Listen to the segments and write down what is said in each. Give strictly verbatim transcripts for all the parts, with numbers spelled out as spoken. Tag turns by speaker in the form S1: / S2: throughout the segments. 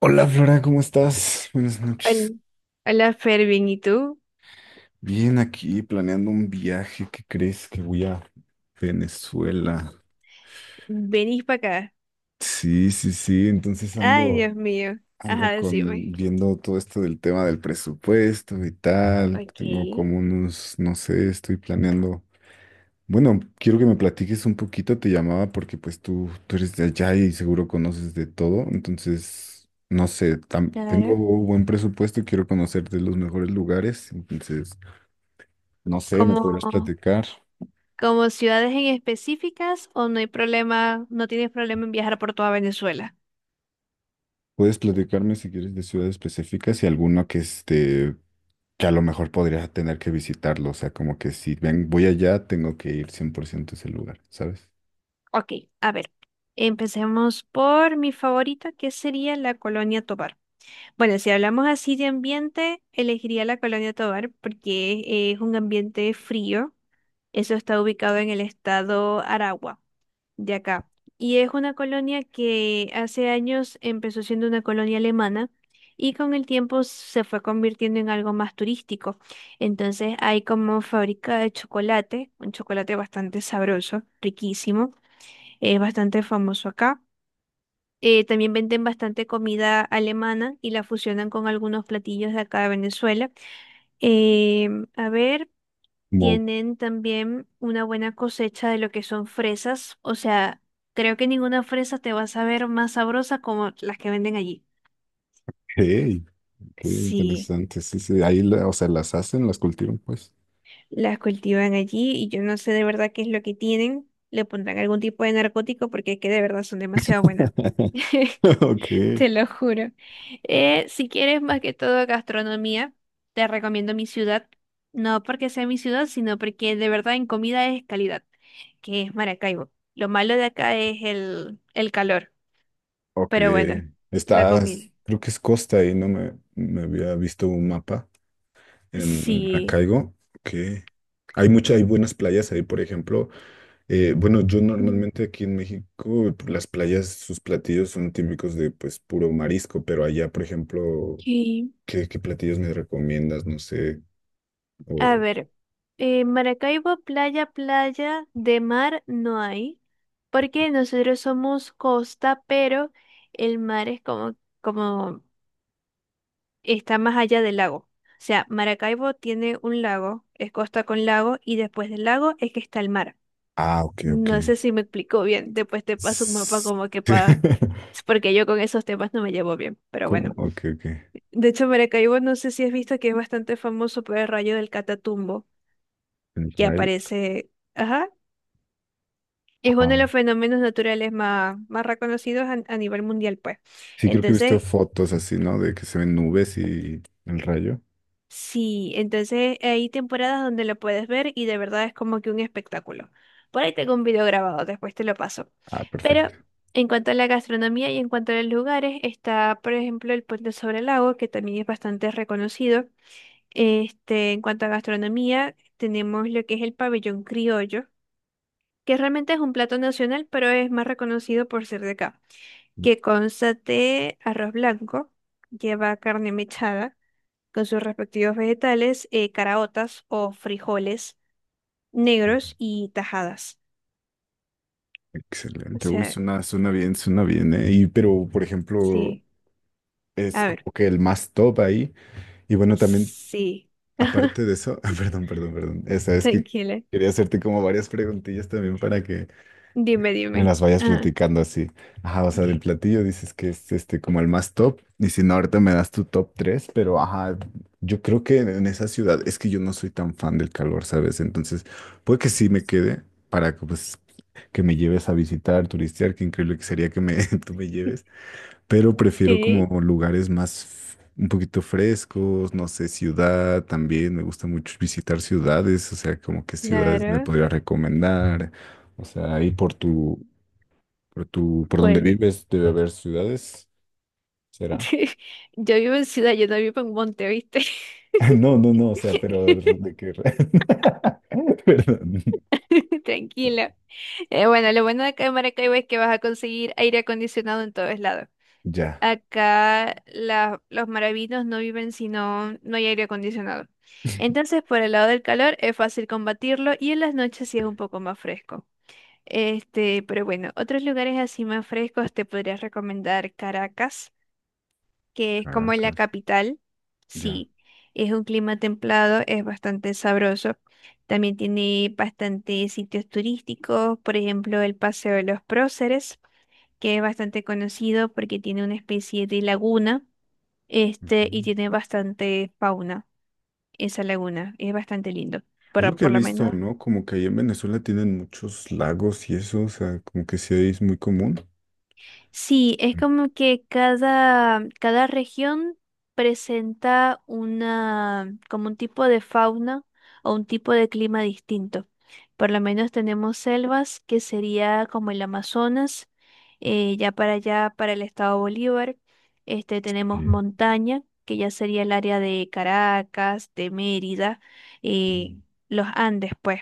S1: Hola Flora, ¿cómo estás? Buenas
S2: Hola,
S1: noches.
S2: hola Fervin, ¿y tú?
S1: Bien, aquí planeando un viaje. ¿Qué crees? Que voy a Venezuela.
S2: Venís para acá.
S1: Sí, sí, sí. Entonces
S2: Ay,
S1: ando,
S2: Dios mío.
S1: ando
S2: Ajá,
S1: con
S2: decime.
S1: viendo todo esto del tema del presupuesto y tal.
S2: Ok,
S1: Tengo como unos, no sé, estoy planeando. Bueno, quiero que me platiques un poquito. Te llamaba porque pues tú, tú eres de allá y seguro conoces de todo. Entonces, no sé, tam- tengo
S2: claro.
S1: buen presupuesto. Quiero conocer de los mejores lugares. Entonces. No sé, me
S2: ¿Como,
S1: podrás platicar.
S2: como ciudades en específicas o no hay problema, no tienes problema en viajar por toda Venezuela?
S1: Puedes platicarme si quieres de ciudades específicas y alguno que este, que a lo mejor podría tener que visitarlo. O sea, como que si ven, voy allá, tengo que ir cien por ciento a ese lugar, ¿sabes?
S2: Ok, a ver. Empecemos por mi favorita, que sería la Colonia Tovar. Bueno, si hablamos así de ambiente, elegiría la Colonia Tovar porque es un ambiente frío. Eso está ubicado en el estado Aragua de acá. Y es una colonia que hace años empezó siendo una colonia alemana y con el tiempo se fue convirtiendo en algo más turístico. Entonces hay como fábrica de chocolate, un chocolate bastante sabroso, riquísimo, es bastante famoso acá. Eh, también venden bastante comida alemana y la fusionan con algunos platillos de acá de Venezuela. Em, a ver,
S1: Como, ok,
S2: tienen también una buena cosecha de lo que son fresas. O sea, creo que ninguna fresa te va a saber más sabrosa como las que venden allí.
S1: qué
S2: Sí,
S1: interesante. Sí, sí, ahí, la- o sea, las hacen, las cultivan, pues.
S2: las cultivan allí y yo no sé de verdad qué es lo que tienen. Le pondrán algún tipo de narcótico porque es que de verdad son demasiado buenas.
S1: Ok,
S2: Te lo juro. Eh, si quieres más que todo gastronomía, te recomiendo mi ciudad. No porque sea mi ciudad, sino porque de verdad en comida es calidad, que es Maracaibo. Lo malo de acá es el, el calor,
S1: ok.
S2: pero bueno, la comida.
S1: Estás, creo que es costa ahí, no me, me había visto un mapa en
S2: Sí.
S1: Maracaibo. Ok. Hay muchas, hay buenas playas ahí, por ejemplo. Eh, bueno, yo normalmente aquí en México, las playas, sus platillos son típicos de pues puro marisco, pero allá, por ejemplo,
S2: Ok.
S1: ¿qué, qué platillos me recomiendas? No sé. O...
S2: A ver, eh, Maracaibo, playa, playa, de mar no hay, porque nosotros somos costa, pero el mar es como, como está más allá del lago. O sea, Maracaibo tiene un lago, es costa con lago, y después del lago es que está el mar.
S1: Ah, ok, ok.
S2: No sé si me explico bien, después te paso un mapa
S1: S-
S2: como que para... Porque yo con esos temas no me llevo bien, pero
S1: ¿Cómo?
S2: bueno.
S1: Ok, ok.
S2: De hecho, Maracaibo no sé si has visto que es bastante famoso por el rayo del Catatumbo,
S1: El
S2: que
S1: rayo.
S2: aparece... Ajá. Es uno de
S1: Ajá.
S2: los fenómenos naturales más, más reconocidos a, a nivel mundial, pues.
S1: Sí, creo que he visto
S2: Entonces,
S1: fotos así, ¿no? De que se ven nubes y el rayo.
S2: sí, entonces hay temporadas donde lo puedes ver y de verdad es como que un espectáculo. Por ahí tengo un video grabado, después te lo paso.
S1: Ah,
S2: Pero
S1: perfecto.
S2: en cuanto a la gastronomía y en cuanto a los lugares, está, por ejemplo, el Puente sobre el Lago, que también es bastante reconocido. Este, en cuanto a gastronomía, tenemos lo que es el pabellón criollo, que realmente es un plato nacional, pero es más reconocido por ser de acá, que consta de arroz blanco, lleva carne mechada con sus respectivos vegetales, eh, caraotas o frijoles negros y tajadas. O
S1: Excelente. Uy,
S2: sea,
S1: suena, suena bien, suena bien, ¿eh? Y, pero, por ejemplo,
S2: sí.
S1: es
S2: A
S1: como
S2: ver,
S1: que el más top ahí. Y bueno, también
S2: sí.
S1: aparte de eso, ah, perdón, perdón, perdón. Esa es que
S2: Tranquila.
S1: quería hacerte como varias preguntillas también para que
S2: Dime,
S1: me
S2: dime.
S1: las vayas
S2: Ajá.
S1: platicando así. Ajá, o sea,
S2: Ok.
S1: del platillo dices que es este como el más top. Y si no, ahorita me das tu top tres, pero ajá, yo creo que en esa ciudad es que yo no soy tan fan del calor, ¿sabes? Entonces, puede que sí me quede para que pues que me lleves a visitar, turistear, qué increíble que sería que me tú me lleves, pero prefiero
S2: Sí,
S1: como lugares más f- un poquito frescos, no sé, ciudad también, me gusta mucho visitar ciudades, o sea, como qué ciudades me
S2: claro.
S1: podría recomendar, o sea, ahí por tu, por tu, por donde
S2: Bueno,
S1: vives debe haber ciudades, ¿será?
S2: yo vivo en ciudad, yo no vivo en monte, ¿viste?
S1: No, no, no, o sea, pero de qué... re- Perdón.
S2: Tranquilo. Eh, bueno, lo bueno de acá en Maracaibo es que vas a conseguir aire acondicionado en todos lados.
S1: Ya,
S2: Acá la- los maravinos no viven si no, no hay aire acondicionado. Entonces, por el lado del calor es fácil combatirlo y en las noches sí es un poco más fresco. Este, pero bueno, otros lugares así más frescos te podría recomendar Caracas, que es como la
S1: Caracas,
S2: capital.
S1: ya.
S2: Sí, es un clima templado, es bastante sabroso. También tiene bastantes sitios turísticos, por ejemplo, el Paseo de los Próceres, que es bastante conocido porque tiene una especie de laguna
S1: Ok.
S2: este, y tiene bastante fauna esa laguna. Es bastante lindo.
S1: Es lo
S2: Por,
S1: que he
S2: por lo
S1: visto,
S2: menos
S1: ¿no? Como que ahí en Venezuela tienen muchos lagos y eso, o sea, como que sí es muy común.
S2: sí, es como que cada, cada región presenta una, como un tipo de fauna o un tipo de clima distinto. Por lo menos tenemos selvas, que sería como el Amazonas, eh, ya para allá, para el estado Bolívar. Este, tenemos
S1: Sí.
S2: montaña, que ya sería el área de Caracas, de Mérida, eh, los Andes, pues.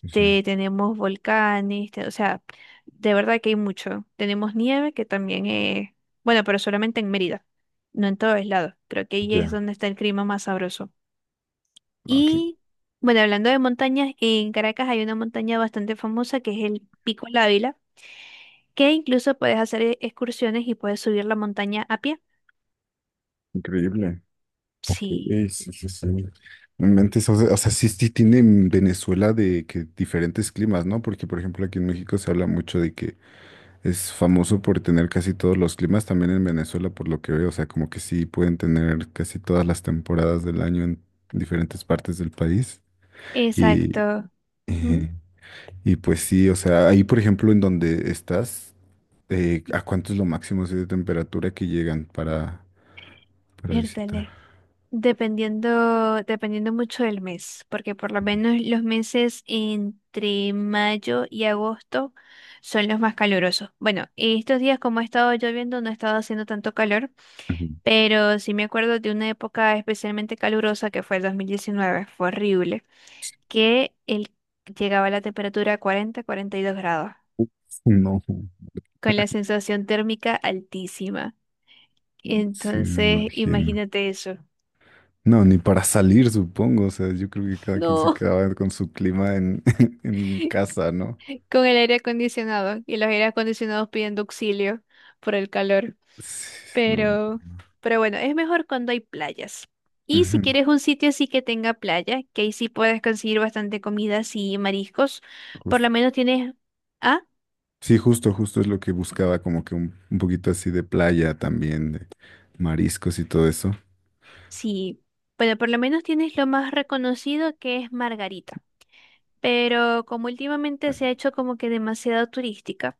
S1: Sí, sí.
S2: tenemos volcanes, te- o sea, de verdad que hay mucho. Tenemos nieve que también es, bueno, pero solamente en Mérida, no en todos lados. Creo que ahí es
S1: Ya,
S2: donde está el clima más sabroso.
S1: ah, qué
S2: Y bueno, hablando de montañas, en Caracas hay una montaña bastante famosa que es el Pico Lávila, que incluso puedes hacer e- excursiones y puedes subir la montaña a pie.
S1: increíble. Ok,
S2: Sí,
S1: eh, sí, sí, sí. No inventes, o sea, o sea, sí, sí tiene en Venezuela de que diferentes climas, ¿no? Porque, por ejemplo, aquí en México se habla mucho de que es famoso por tener casi todos los climas, también en Venezuela, por lo que veo, o sea, como que sí pueden tener casi todas las temporadas del año en diferentes partes del país. Y,
S2: exacto. Ujú,
S1: eh, y pues sí, o sea, ahí, por ejemplo, en donde estás, eh, ¿a cuánto es lo máximo así de temperatura que llegan para, para visitar?
S2: vértale. Dependiendo, dependiendo mucho del mes, porque por lo menos los meses entre mayo y agosto son los más calurosos. Bueno, estos días como ha estado lloviendo no ha estado haciendo tanto calor,
S1: Ujú.
S2: pero sí me acuerdo de una época especialmente calurosa que fue el dos mil diecinueve, fue horrible, que el, llegaba a la temperatura a cuarenta, cuarenta y dos grados,
S1: No,
S2: con la sensación térmica altísima.
S1: sí, me
S2: Entonces,
S1: imagino.
S2: imagínate eso.
S1: No, ni para salir, supongo. O sea, yo creo que cada quien se
S2: No,
S1: quedaba con su clima en, en casa, ¿no?
S2: con el aire acondicionado y los aires acondicionados pidiendo auxilio por el calor.
S1: Sí, no.
S2: Pero, pero bueno, es mejor cuando hay playas. Y si
S1: Ujú,
S2: quieres un sitio así que tenga playa, que ahí sí puedes conseguir bastante comidas y mariscos, por
S1: justo.
S2: lo menos tienes, ah,
S1: Sí, justo, justo es lo que buscaba, como que un, un poquito así de playa también, de mariscos y todo eso.
S2: sí, bueno, por lo menos tienes lo más reconocido que es Margarita. Pero como últimamente se ha hecho como que demasiado turística.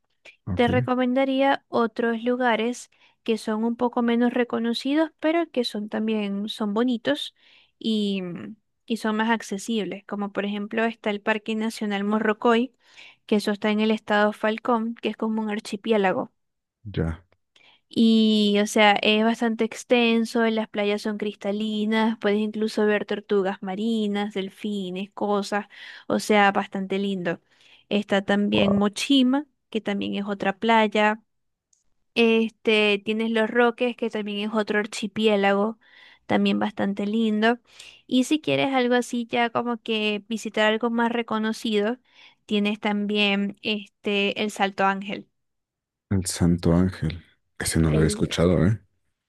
S2: Te
S1: Ok,
S2: recomendaría otros lugares que son un poco menos reconocidos, pero que son también son bonitos y, mm, y son más accesibles, como por ejemplo está el Parque Nacional Morrocoy, que eso está en el estado Falcón, que es como un archipiélago.
S1: ya.
S2: Y, o sea, es bastante extenso, las playas son cristalinas, puedes incluso ver tortugas marinas, delfines, cosas, o sea, bastante lindo. Está también
S1: Wow.
S2: Mochima, que también es otra playa. Este, tienes Los Roques, que también es otro archipiélago, también bastante lindo. Y si quieres algo así, ya como que visitar algo más reconocido, tienes también este, el Salto Ángel.
S1: El Santo Ángel. Ese no lo había
S2: El,
S1: escuchado, ¿eh?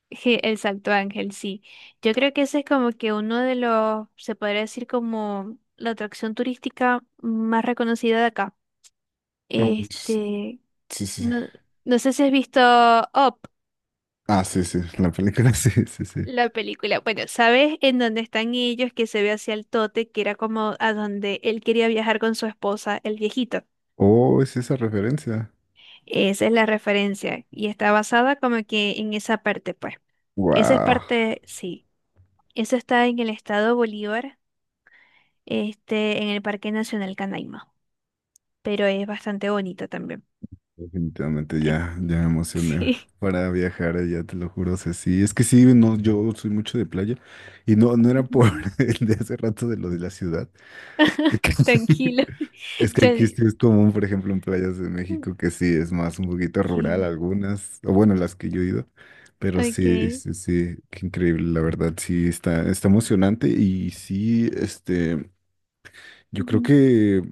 S2: je- el Salto Ángel, sí. Yo creo que ese es como que uno de los, se podría decir como la atracción turística más reconocida de acá.
S1: No manches.
S2: Este,
S1: Sí, sí, sí.
S2: no, no sé si has visto Up.
S1: Ah, sí, sí. La película, sí, sí, sí.
S2: La película, bueno, ¿sabes en dónde están ellos? Que se ve hacia el tote, que era como a donde él quería viajar con su esposa, el viejito.
S1: Oh, es esa referencia.
S2: Esa es la referencia y está basada como que en esa parte, pues. Esa es
S1: Wow.
S2: parte, sí. Eso está en el estado Bolívar, este, en el Parque Nacional Canaima, pero es bastante bonito también.
S1: Definitivamente
S2: Ay,
S1: ya, ya me emocioné
S2: sí,
S1: para viajar allá, te lo juro. O sea, sí, es que sí, no, yo soy mucho de playa y no, no era por
S2: ujú,
S1: el de hace rato de lo de la ciudad. De que-
S2: tranquilo.
S1: Es que aquí
S2: Ya-
S1: sí es común, por ejemplo, en playas de
S2: mm,
S1: México, que sí es más un poquito rural
S2: ok,
S1: algunas, o bueno, las que yo he ido, pero
S2: ok.
S1: sí, sí, sí, qué increíble, la verdad, sí, está, está emocionante y sí, este, yo creo
S2: Ujú.
S1: que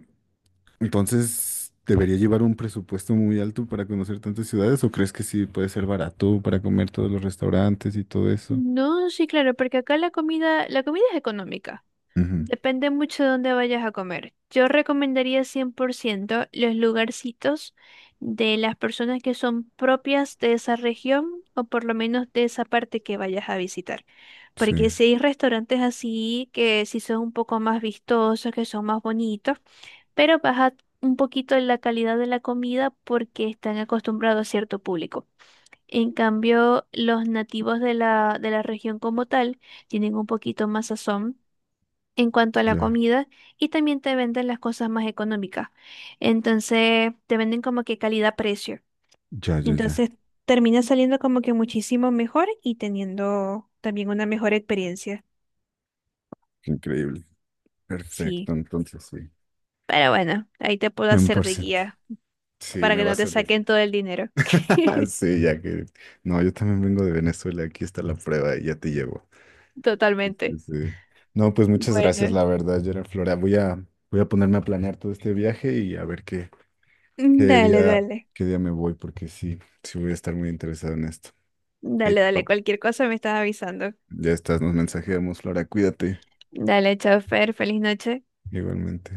S1: entonces, ¿debería llevar un presupuesto muy alto para conocer tantas ciudades o crees que sí puede ser barato para comer todos los restaurantes y todo eso?
S2: No, sí, claro, porque acá la comida, la comida es económica.
S1: Ujú,
S2: Depende mucho de dónde vayas a comer. Yo recomendaría cien por ciento los lugarcitos de las personas que son propias de esa región o por lo menos de esa parte que vayas a visitar.
S1: sí,
S2: Porque si hay restaurantes así que sí son un poco más vistosos, que son más bonitos, pero baja un poquito la calidad de la comida porque están acostumbrados a cierto público. En cambio, los nativos de la, de la región como tal tienen un poquito más sazón en cuanto a la
S1: ya,
S2: comida y también te venden las cosas más económicas. Entonces, te venden como que calidad-precio.
S1: ya, ya, ya.
S2: Entonces, termina saliendo como que muchísimo mejor y teniendo también una mejor experiencia.
S1: Qué increíble.
S2: Sí,
S1: Perfecto, entonces sí.
S2: pero bueno, ahí te puedo hacer de
S1: cien por ciento.
S2: guía
S1: Sí,
S2: para
S1: me
S2: que
S1: va a
S2: no te
S1: servir.
S2: saquen todo el dinero.
S1: Sí, ya que... No, yo también vengo de Venezuela, aquí está la prueba y ya te llevo. Sí,
S2: Totalmente.
S1: sí. No, pues muchas gracias, la
S2: Bueno,
S1: verdad, Gerard Flora. Voy a, voy a ponerme a planear todo este viaje y a ver qué, ¿qué
S2: dale,
S1: día,
S2: dale.
S1: qué día me voy? Porque sí, sí voy a estar muy interesado en esto. Ahí
S2: Dale,
S1: te
S2: dale,
S1: va.
S2: cualquier cosa me estás avisando.
S1: Ya estás, nos mensajeamos, Flora, cuídate.
S2: Dale, chofer, feliz noche.
S1: Igualmente.